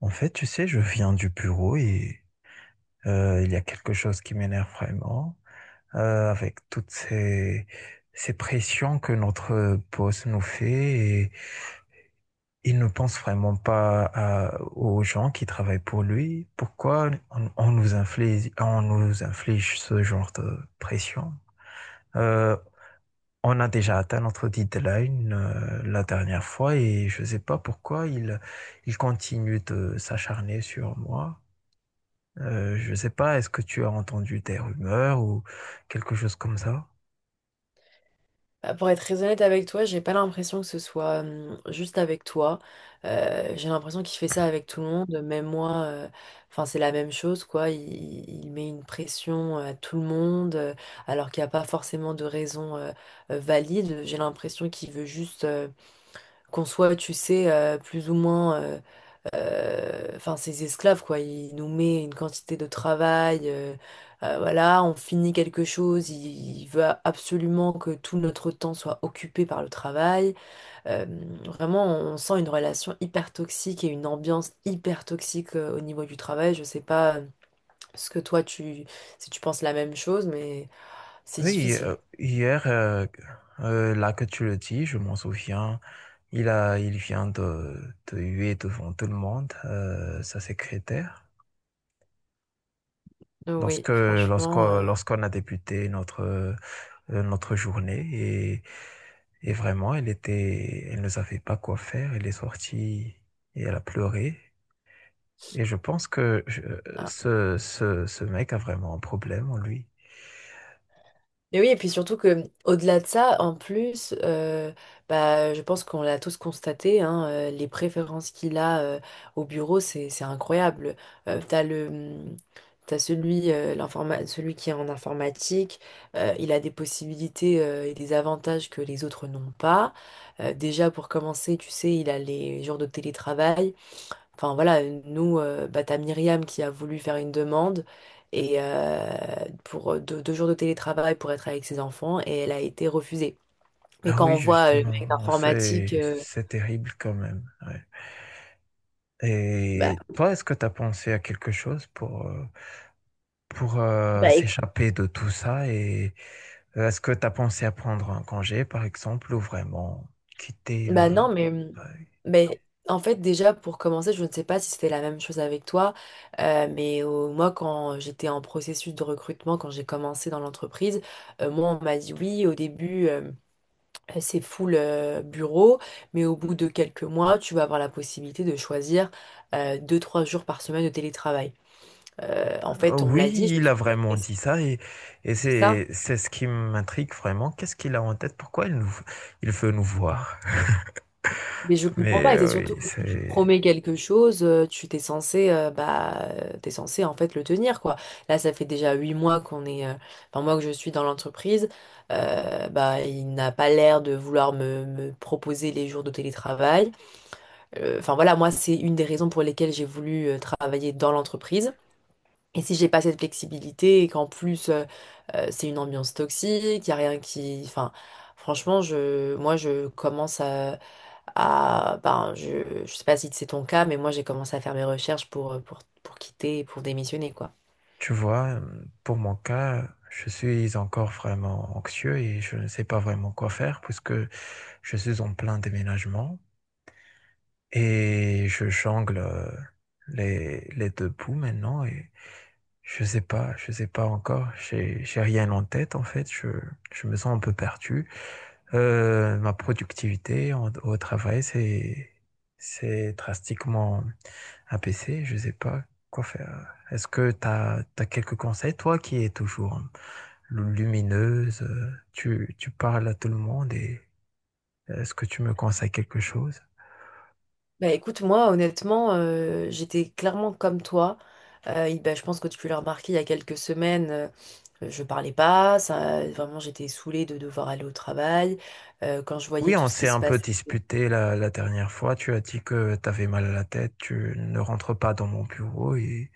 En fait, tu sais, je viens du bureau et il y a quelque chose qui m'énerve vraiment, avec ces pressions que notre boss nous fait et il ne pense vraiment pas aux gens qui travaillent pour lui. Pourquoi on nous inflige ce genre de pression? Euh, on a déjà atteint notre deadline la dernière fois et je ne sais pas pourquoi il continue de s'acharner sur moi. Je ne sais pas, est-ce que tu as entendu des rumeurs ou quelque chose comme ça? Bah, pour être très honnête avec toi, j'ai pas l'impression que ce soit juste avec toi. J'ai l'impression qu'il fait ça avec tout le monde, même moi. Enfin, c'est la même chose, quoi. Il met une pression à tout le monde, alors qu'il n'y a pas forcément de raison valide. J'ai l'impression qu'il veut juste qu'on soit, tu sais, plus ou moins enfin ces esclaves quoi. Il nous met une quantité de travail voilà on finit quelque chose, il veut absolument que tout notre temps soit occupé par le travail. Euh, Vraiment on sent une relation hyper toxique et une ambiance hyper toxique au niveau du travail. Je sais pas ce que toi tu, si tu penses la même chose, mais c'est Oui, difficile. hier, là que tu le dis, je m'en souviens, il vient de huer devant tout le monde, sa secrétaire. Oui, franchement, Lorsqu'on a débuté notre, notre journée et vraiment, elle ne savait pas quoi faire, elle est sortie et elle a pleuré. Et je pense que ce mec a vraiment un problème en lui. et oui, et puis surtout que au-delà de ça, en plus, bah, je pense qu'on l'a tous constaté, hein, les préférences qu'il a au bureau, c'est incroyable. T'as le t'as celui celui qui est en informatique, il a des possibilités et des avantages que les autres n'ont pas. Déjà pour commencer, tu sais, il a les jours de télétravail. Enfin voilà, nous, bah, t'as Myriam qui a voulu faire une demande et pour deux jours de télétravail pour être avec ses enfants et elle a été refusée. Mais Ah quand oui, on voit le mec justement, d'informatique, c'est terrible quand même, ouais. bah, Et toi, est-ce que tu as pensé à quelque chose pour bah, écoute, s'échapper de tout ça? Et est-ce que tu as pensé à prendre un congé, par exemple, ou vraiment quitter bah le... non, ouais. mais en fait déjà pour commencer, je ne sais pas si c'était la même chose avec toi, mais moi quand j'étais en processus de recrutement, quand j'ai commencé dans l'entreprise, moi on m'a dit oui au début. C'est full bureau, mais au bout de quelques mois, tu vas avoir la possibilité de choisir deux, trois jours par semaine de télétravail. En fait, on me Oui, l'a dit, je me il a suis dit, vraiment ok, dit ça et, c'est ça. C'est ce qui m'intrigue vraiment. Qu'est-ce qu'il a en tête? Il veut nous voir? Mais je comprends Mais pas, et c'est oui, surtout que si tu c'est... promets quelque chose, tu t'es censé, bah, t'es censé en fait le tenir, quoi. Là, ça fait déjà huit mois qu'on est, enfin moi que je suis dans l'entreprise, bah, il n'a pas l'air de vouloir me proposer les jours de télétravail. Enfin voilà, moi, c'est une des raisons pour lesquelles j'ai voulu travailler dans l'entreprise. Et si j'ai pas cette flexibilité et qu'en plus c'est une ambiance toxique, il y a rien qui, enfin, franchement, moi, je commence à, je sais pas si c'est ton cas, mais moi, j'ai commencé à faire mes recherches pour quitter, et pour démissionner, quoi. Tu vois, pour mon cas, je suis encore vraiment anxieux et je ne sais pas vraiment quoi faire puisque je suis en plein déménagement et je jongle les deux bouts maintenant et je sais pas encore, j'ai rien en tête en fait, je me sens un peu perdu. Ma productivité au travail, c'est drastiquement Un PC, je sais pas quoi faire. Est-ce que tu as, Quelques conseils, toi qui es toujours lumineuse, tu parles à tout le monde et est-ce que tu me conseilles quelque chose? Bah écoute, moi honnêtement, j'étais clairement comme toi. Et bah, je pense que tu l'as remarqué il y a quelques semaines, je parlais pas, ça, vraiment j'étais saoulée de devoir aller au travail. Quand je Oui, voyais tout on ce qui s'est se un peu passe. disputé la dernière fois. Tu as dit que tu avais mal à la tête, tu ne rentres pas dans mon bureau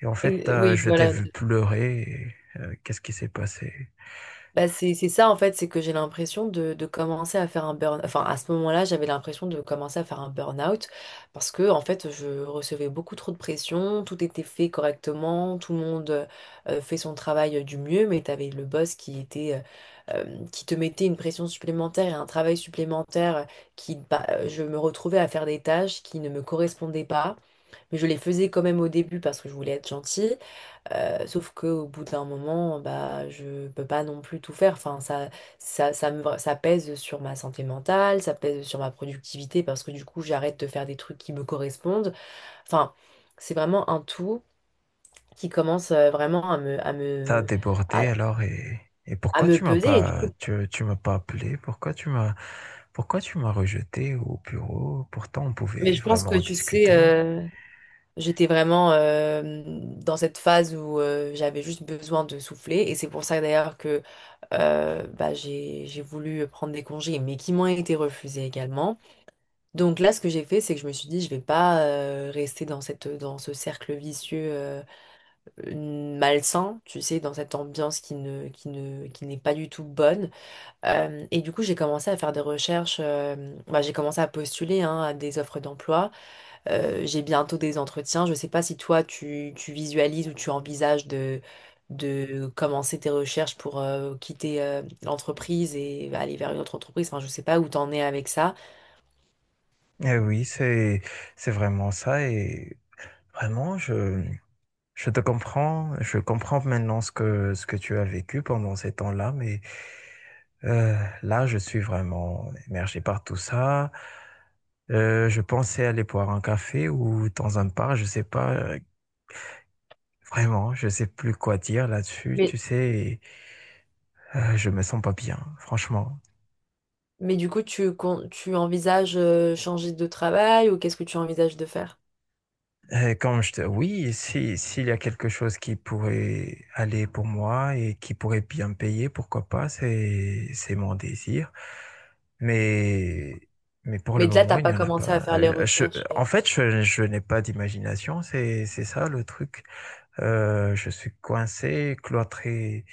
et en fait, Et oui, je t'ai voilà, vu pleurer. Et, qu'est-ce qui s'est passé? bah c'est ça en fait, c'est que j'ai l'impression de commencer à faire un burn. Enfin, à ce moment-là, j'avais l'impression de commencer à faire un burn-out parce que en fait, je recevais beaucoup trop de pression, tout était fait correctement, tout le monde fait son travail du mieux, mais t'avais le boss qui était qui te mettait une pression supplémentaire et un travail supplémentaire qui bah, je me retrouvais à faire des tâches qui ne me correspondaient pas, mais je les faisais quand même au début parce que je voulais être gentille. Sauf qu'au bout d'un moment, bah, je peux pas non plus tout faire. Enfin, ça pèse sur ma santé mentale, ça pèse sur ma productivité parce que du coup, j'arrête de faire des trucs qui me correspondent. Enfin, c'est vraiment un tout qui commence vraiment T'as à, débordé alors et à pourquoi me tu m'as peser. Et du pas coup, tu, tu m'as pas appelé? Pourquoi tu m'as rejeté au bureau? Pourtant on mais pouvait je pense vraiment que en tu sais, discuter. J'étais vraiment dans cette phase où j'avais juste besoin de souffler et c'est pour ça d'ailleurs que bah, j'ai voulu prendre des congés mais qui m'ont été refusés également. Donc là ce que j'ai fait c'est que je me suis dit je vais pas rester dans cette dans ce cercle vicieux malsain, tu sais, dans cette ambiance qui n'est pas du tout bonne. Et du coup j'ai commencé à faire des recherches, bah, j'ai commencé à postuler hein, à des offres d'emploi. J'ai bientôt des entretiens. Je ne sais pas si toi, tu visualises ou tu envisages de commencer tes recherches pour quitter l'entreprise et aller vers une autre entreprise. Enfin, je ne sais pas où t'en es avec ça. Eh oui, c'est vraiment ça et vraiment je te comprends, je comprends maintenant ce que tu as vécu pendant ces temps-là, mais euh, là je suis vraiment émergé par tout ça. Je pensais aller boire un café ou dans un bar, je sais pas. Vraiment, je sais plus quoi dire là-dessus, Mais, tu sais, je me sens pas bien, franchement. mais du coup, tu envisages changer de travail ou qu'est-ce que tu envisages de faire? Oui, si, s'il y a quelque chose qui pourrait aller pour moi et qui pourrait bien me payer, pourquoi pas, c'est mon désir. Mais, mais pour le Mais là, moment, t'as il n'y pas en a commencé à pas. faire les recherches. En euh. fait, je n'ai pas d'imagination, c'est ça le truc. Je suis coincé, cloîtré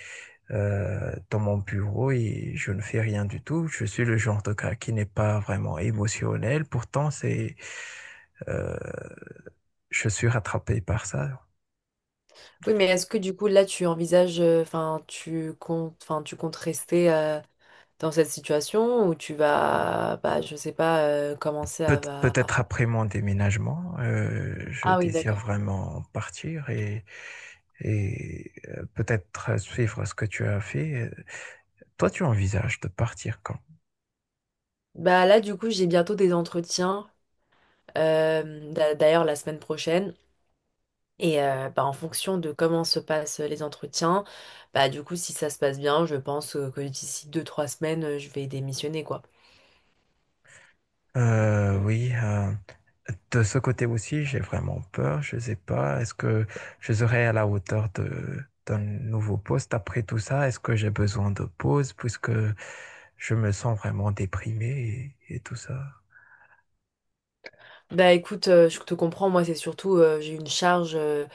dans mon bureau et je ne fais rien du tout. Je suis le genre de gars qui n'est pas vraiment émotionnel. Pourtant, euh, je suis rattrapé par ça. Oui, mais est-ce que du coup, là, tu envisages, enfin, tu comptes rester dans cette situation ou tu vas, bah, je sais pas, commencer à, va- Peut-être après mon déménagement, je Ah oui, désire d'accord. vraiment partir et peut-être suivre ce que tu as fait. Toi, tu envisages de partir quand? Bah là, du coup, j'ai bientôt des entretiens, d'ailleurs la semaine prochaine. Et bah, en fonction de comment se passent les entretiens, bah du coup, si ça se passe bien, je pense que d'ici deux, trois semaines, je vais démissionner, quoi. Euh, oui, euh, de ce côté aussi, j'ai vraiment peur. Je ne sais pas, est-ce que je serai à la hauteur de, d'un nouveau poste après tout ça? Est-ce que j'ai besoin de pause puisque je me sens vraiment déprimé et tout ça? Bah écoute, je te comprends, moi, c'est surtout, j'ai une charge,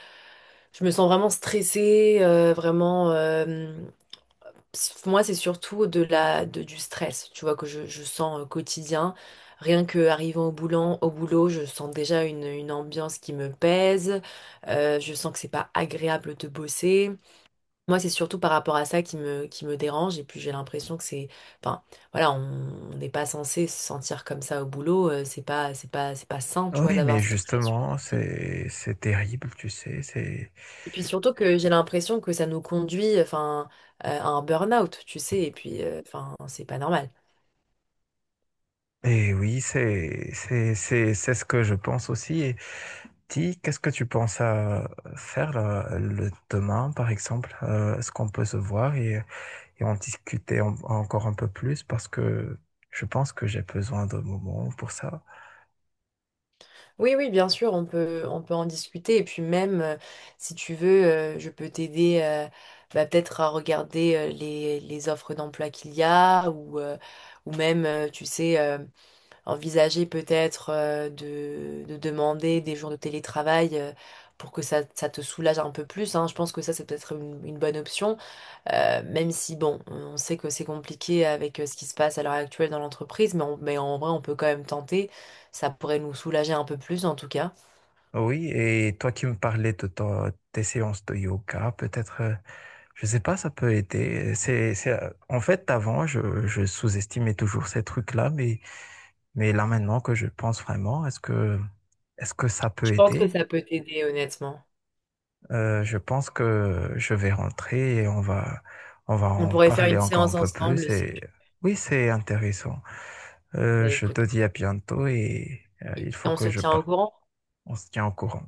je me sens vraiment stressée, vraiment. Pff, moi, c'est surtout de du stress, tu vois, que je sens quotidien. Rien que arrivant au boulot, je sens déjà une ambiance qui me pèse. Je sens que c'est pas agréable de bosser. Moi, c'est surtout par rapport à ça qui me dérange. Et puis, j'ai l'impression que c'est, enfin, voilà, on n'est pas censé se sentir comme ça au boulot. C'est pas sain, tu vois, Oui, d'avoir mais cette relation. justement, c'est terrible, tu sais, c'est, Et puis surtout que j'ai l'impression que ça nous conduit, enfin, à un burn-out, tu sais. Et puis, enfin, c'est pas normal. et oui, c'est ce que je pense aussi. Et Ti, qu'est-ce que tu penses à faire là, le demain, par exemple? Est-ce qu'on peut se voir et on discutait encore un peu plus parce que je pense que j'ai besoin de moments pour ça. Oui, oui, bien sûr, on peut en discuter. Et puis même, si tu veux, je peux t'aider bah, peut-être à regarder les offres d'emploi qu'il y a ou même, tu sais, envisager peut-être de demander des jours de télétravail pour que ça te soulage un peu plus, hein. Je pense que ça, c'est peut-être une bonne option. Même si, bon, on sait que c'est compliqué avec ce qui se passe à l'heure actuelle dans l'entreprise, mais en vrai, on peut quand même tenter. Ça pourrait nous soulager un peu plus, en tout cas. Oui, et toi qui me parlais de tes séances de yoga, peut-être, je sais pas, ça peut aider. En fait, avant, je sous-estimais toujours ces trucs-là, mais là maintenant que je pense vraiment, est-ce que ça Je peut pense que aider? ça peut t'aider, honnêtement. Je pense que je vais rentrer et on va On en pourrait faire parler une encore un séance peu plus. ensemble si Et tu... oui, c'est intéressant. Bah, Je écoute, te dis à bientôt et il faut on que se je tient au parte. courant. On se tient au courant.